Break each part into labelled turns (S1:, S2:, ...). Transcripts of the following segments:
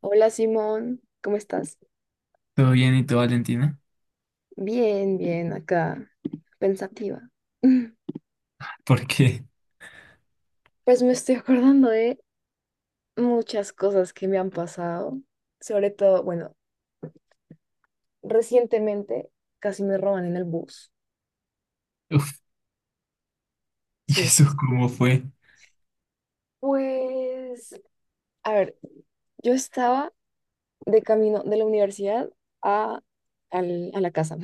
S1: Hola Simón, ¿cómo estás?
S2: Todo bien y tú, Valentina.
S1: Bien, bien, acá, pensativa.
S2: Porque,
S1: Pues me estoy acordando de muchas cosas que me han pasado, sobre todo, bueno, recientemente casi me roban en el bus,
S2: Uf, ¿y
S1: sí.
S2: eso cómo fue?
S1: Pues, a ver, yo estaba de camino de la universidad a, a la casa.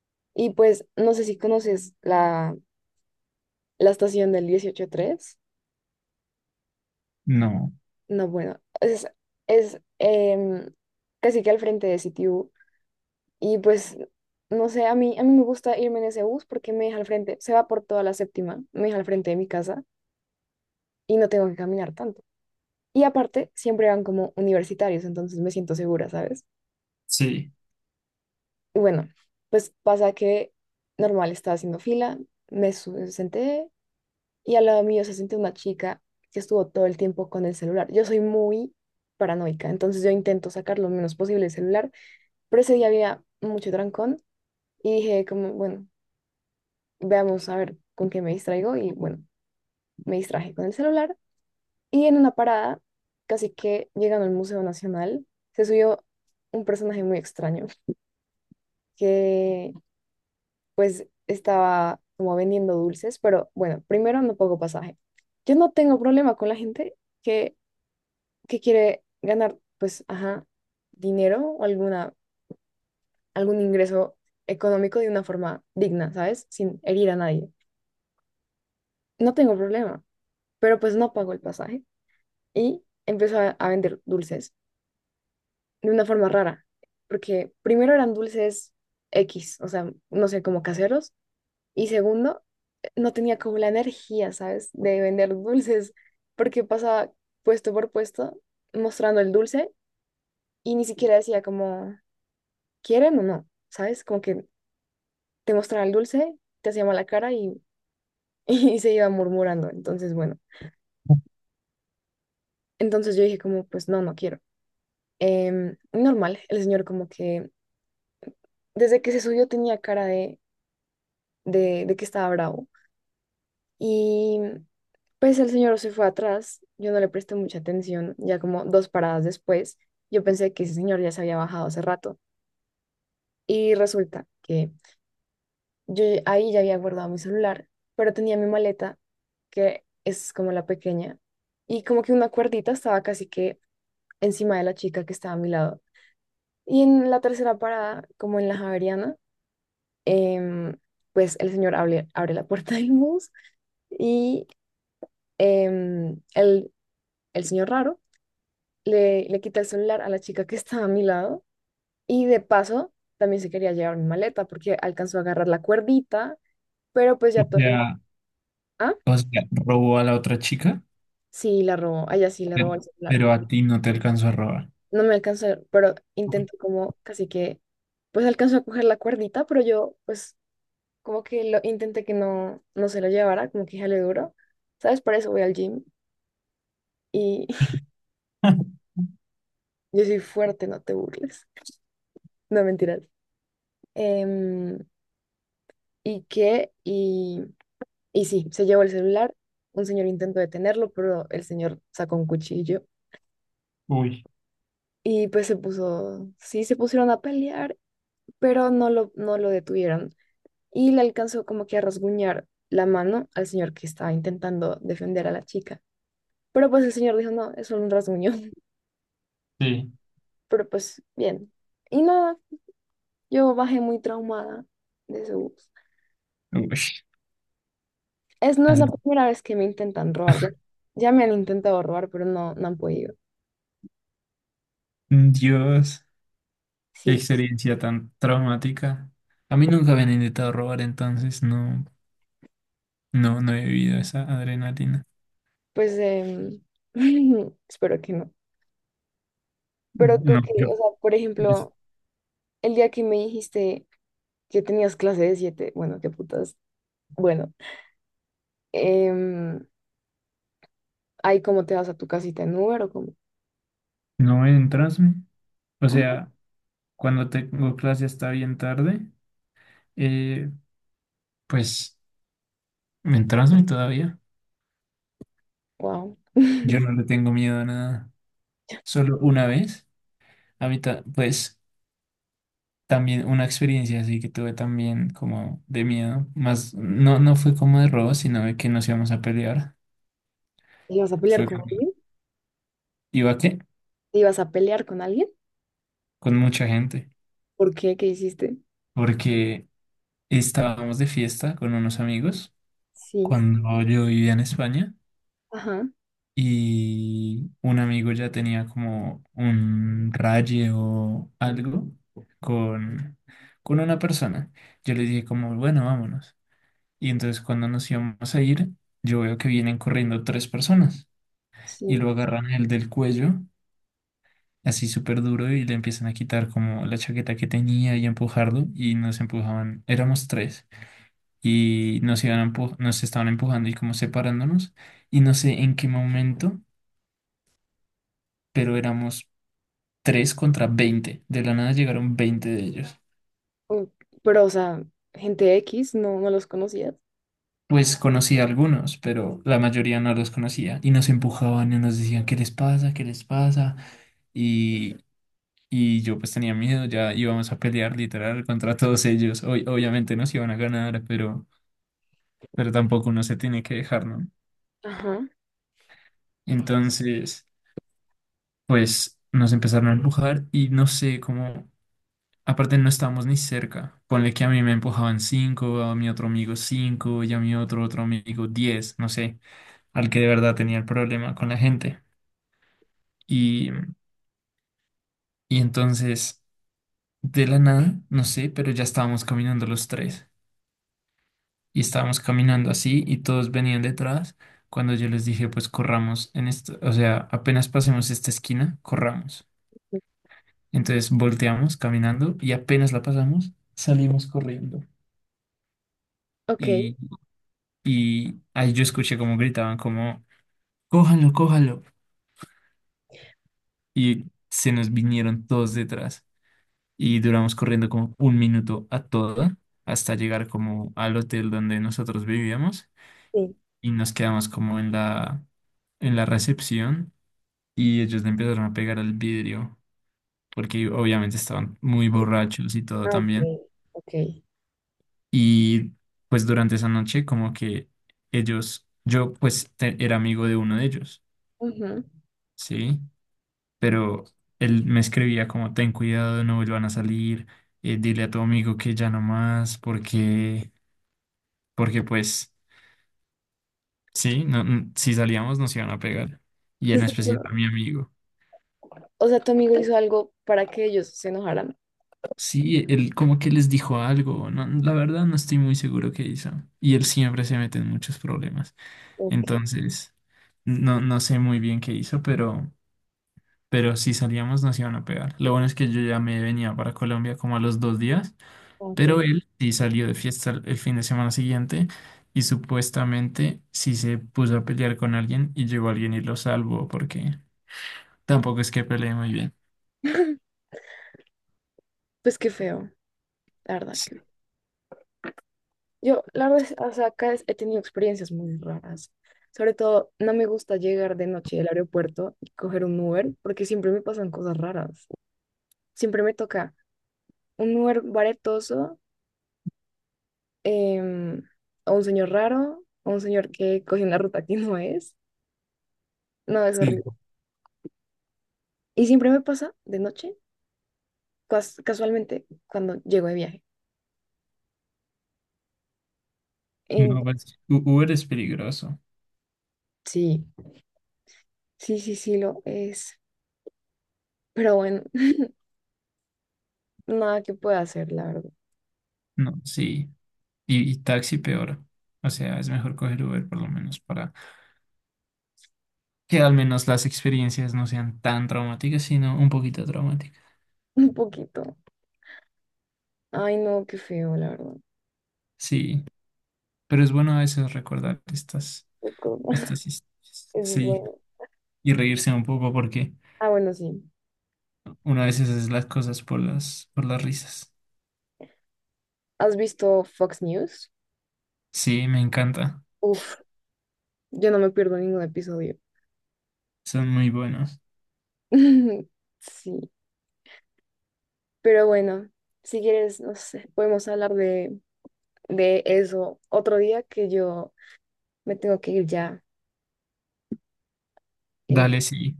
S1: Y pues no sé si conoces la estación del 18 3.
S2: No,
S1: No, bueno, es casi que al frente de CTU. Y pues, no sé, a mí me gusta irme en ese bus porque me deja al frente, se va por toda la séptima, me deja al frente de mi casa y no tengo que caminar tanto. Y aparte, siempre van como universitarios, entonces me siento segura, ¿sabes?
S2: sí.
S1: Y bueno, pues pasa que normal estaba haciendo fila, senté y al lado mío se sentó una chica que estuvo todo el tiempo con el celular. Yo soy muy paranoica, entonces yo intento sacar lo menos posible el celular. Pero ese día había mucho trancón y dije como, bueno, veamos a ver con qué me distraigo y bueno, me distraje con el celular y en una parada, casi que llegando al Museo Nacional, se subió un personaje muy extraño que pues estaba como vendiendo dulces, pero bueno, primero no pago pasaje. Yo no tengo problema con la gente que, que quiere ganar pues, ajá, dinero o algún ingreso económico de una forma digna, ¿sabes? Sin herir a nadie. No tengo problema, pero pues no pagó el pasaje y empezó a vender dulces de una forma rara, porque primero eran dulces X, o sea, no sé, como caseros, y segundo, no tenía como la energía, ¿sabes?, de vender dulces, porque pasaba puesto por puesto mostrando el dulce y ni siquiera decía como, ¿quieren o no? ¿Sabes? Como que te mostraba el dulce, te hacía mala cara y se iba murmurando, entonces bueno, entonces yo dije como, pues no, no quiero. Normal, el señor como que desde que se subió tenía cara de que estaba bravo. Y pues el señor se fue atrás, yo no le presté mucha atención, ya como dos paradas después, yo pensé que ese señor ya se había bajado hace rato. Y resulta que ahí ya había guardado mi celular, pero tenía mi maleta, que es como la pequeña, y como que una cuerdita estaba casi que encima de la chica que estaba a mi lado. Y en la tercera parada, como en la Javeriana, em, pues el señor abre la puerta del bus y em, el, el señor raro le quita el celular a la chica que estaba a mi lado y de paso también se quería llevar mi maleta porque alcanzó a agarrar la cuerdita, pero pues
S2: O
S1: ya todo el mundo,
S2: sea,
S1: ah,
S2: o sea, robó a la otra chica,
S1: sí, la robó, ah, ya sí, le
S2: pero,
S1: robó el celular.
S2: pero a ti no te alcanzó a robar.
S1: No me alcanzó, pero intento como casi que, pues alcanzó a coger la cuerdita, pero yo pues como que lo intenté que no, no se lo llevara, como que ya le duro. ¿Sabes? Por eso voy al gym y yo soy fuerte, no te burles. No, mentiras. Em, ¿y que Y, y sí, se llevó el celular. Un señor intentó detenerlo, pero el señor sacó un cuchillo.
S2: Uy,
S1: Y pues se puso, sí, se pusieron a pelear, pero no lo detuvieron. Y le alcanzó como que a rasguñar la mano al señor que estaba intentando defender a la chica. Pero pues el señor dijo, no, es solo un rasguño.
S2: sí.
S1: Pero pues bien. Y nada, yo bajé muy traumada de ese bus.
S2: Uy,
S1: Es, no es la
S2: así-
S1: primera vez que me intentan robar. Ya, ya me han intentado robar, pero no, no han podido.
S2: Dios, qué
S1: Sí,
S2: experiencia tan traumática. A mí nunca me han intentado robar, entonces no, no, no he vivido esa adrenalina.
S1: pues espero que no. Pero tú
S2: No,
S1: que,
S2: yo
S1: o sea, por
S2: es-
S1: ejemplo, el día que me dijiste que tenías clase de 7 bueno, qué putas. Bueno, em, ahí cómo te vas a tu casita en Uber o cómo.
S2: no entras, ¿no? O
S1: Ah,
S2: sea, cuando tengo clase hasta bien tarde, eh, pues me entraña todavía.
S1: wow.
S2: Yo no le tengo miedo a nada. Solo una vez. Ahorita, pues, también una experiencia así que tuve también como de miedo. Más, no, no fue como de robo, sino de que nos íbamos a pelear.
S1: ¿Te ibas a pelear
S2: Fue
S1: con
S2: cuando
S1: alguien?
S2: iba, ¿qué?
S1: ¿Te ibas a pelear con alguien?
S2: Con mucha gente.
S1: ¿Por qué? ¿Qué hiciste?
S2: Porque estábamos de fiesta con unos amigos
S1: Sí,
S2: cuando yo vivía en España,
S1: ajá,
S2: y un amigo ya tenía como un raye o algo con, con una persona. Yo le dije como, bueno, vámonos. Y entonces cuando nos íbamos a ir, yo veo que vienen corriendo tres personas y
S1: sí.
S2: lo agarran el del cuello, así súper duro, y le empiezan a quitar como la chaqueta que tenía y a empujarlo, y nos empujaban, éramos tres y nos iban a nos estaban empujando y como separándonos, y no sé en qué momento, pero éramos 3 contra 20. De la nada llegaron 20 de ellos.
S1: Mm, pero, o sea, gente X, no, no los conocías.
S2: Pues conocía algunos, pero la mayoría no los conocía. Y nos empujaban y nos decían, ¿qué les pasa? ¿Qué les pasa? Y, y yo pues tenía miedo, ya íbamos a pelear literal contra todos ellos. Obviamente nos iban a ganar, pero tampoco uno se tiene que dejar, ¿no?
S1: Ajá.
S2: Entonces, pues nos empezaron a empujar y no sé cómo. Aparte no estábamos ni cerca. Ponle que a mí me empujaban cinco, a mi otro amigo cinco y a mi otro amigo 10, no sé, al que de verdad tenía el problema con la gente. Y, y entonces, de la nada, no sé, pero ya estábamos caminando los tres. Y estábamos caminando así y todos venían detrás. Cuando yo les dije, pues corramos en esto, o sea, apenas pasemos esta esquina, corramos. Entonces volteamos caminando y apenas la pasamos, salimos corriendo.
S1: Ok,
S2: y Y ahí yo escuché cómo gritaban, como, cójanlo, cójanlo. Y se nos vinieron todos detrás. Y duramos corriendo como un minuto a toda, hasta llegar como al hotel donde nosotros vivíamos.
S1: sí.
S2: Y nos quedamos como en la recepción, y ellos le empezaron a pegar al vidrio porque obviamente estaban muy borrachos y todo
S1: Ah, ok,
S2: también.
S1: ok.
S2: Y pues durante esa noche como que ellos, yo pues era amigo de uno de ellos,
S1: Ujú.
S2: ¿sí? Pero él me escribía como ten cuidado, no vuelvan a salir, dile a tu amigo que ya no más, porque, porque pues sí, no, si salíamos nos iban a pegar, y en
S1: Entonces,
S2: especial a
S1: seguro-
S2: mi amigo.
S1: o sea, tu amigo hizo algo para que ellos se enojaran.
S2: Sí, él como que les dijo algo, no, la verdad no estoy muy seguro qué hizo, y él siempre se mete en muchos problemas,
S1: Ok,
S2: entonces no, no sé muy bien qué hizo, pero... Pero si salíamos nos iban a pegar. Lo bueno es que yo ya me venía para Colombia como a los 2 días.
S1: ok.
S2: Pero él sí salió de fiesta el fin de semana siguiente y supuestamente sí se puso a pelear con alguien y llegó alguien y lo salvó porque tampoco es que pelee muy bien.
S1: Pues qué feo, la verdad.
S2: Sí,
S1: Que- yo, la verdad, es- o sea, acá es- he tenido experiencias muy raras. Sobre todo, no me gusta llegar de noche del aeropuerto y coger un Uber porque siempre me pasan cosas raras. Siempre me toca un Uber baretoso, em, o un señor raro, o un señor que coge una ruta que no es. No, es
S2: sí.
S1: horrible. Y siempre me pasa de noche, casualmente, cuando llego de viaje. En
S2: No, pues Uber es peligroso.
S1: sí, sí, sí, sí lo es. Pero bueno, nada que pueda hacer, la verdad.
S2: No, sí. Y taxi peor. O sea, es mejor coger Uber por lo menos para que al menos las experiencias no sean tan traumáticas, sino un poquito traumáticas.
S1: Un poquito. Ay, no, qué feo, la verdad.
S2: Sí, pero es bueno a veces recordar estas,
S1: Poco.
S2: estas historias.
S1: Es
S2: Sí,
S1: bueno.
S2: y reírse un poco porque...
S1: Ah, bueno, sí.
S2: una a veces hace las cosas por las risas.
S1: ¿Has visto Fox News?
S2: Sí, me encanta.
S1: Uf, yo no me pierdo ningún episodio.
S2: Son muy buenos.
S1: Sí. Pero bueno, si quieres, no sé, podemos hablar de eso otro día que yo me tengo que ir ya. Entonces,
S2: Dale, sí.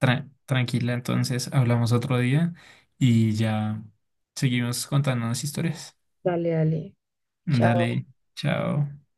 S2: Tranquila, entonces hablamos otro día y ya seguimos contándonos historias.
S1: dale, dale.
S2: Dale,
S1: Chao.
S2: chao.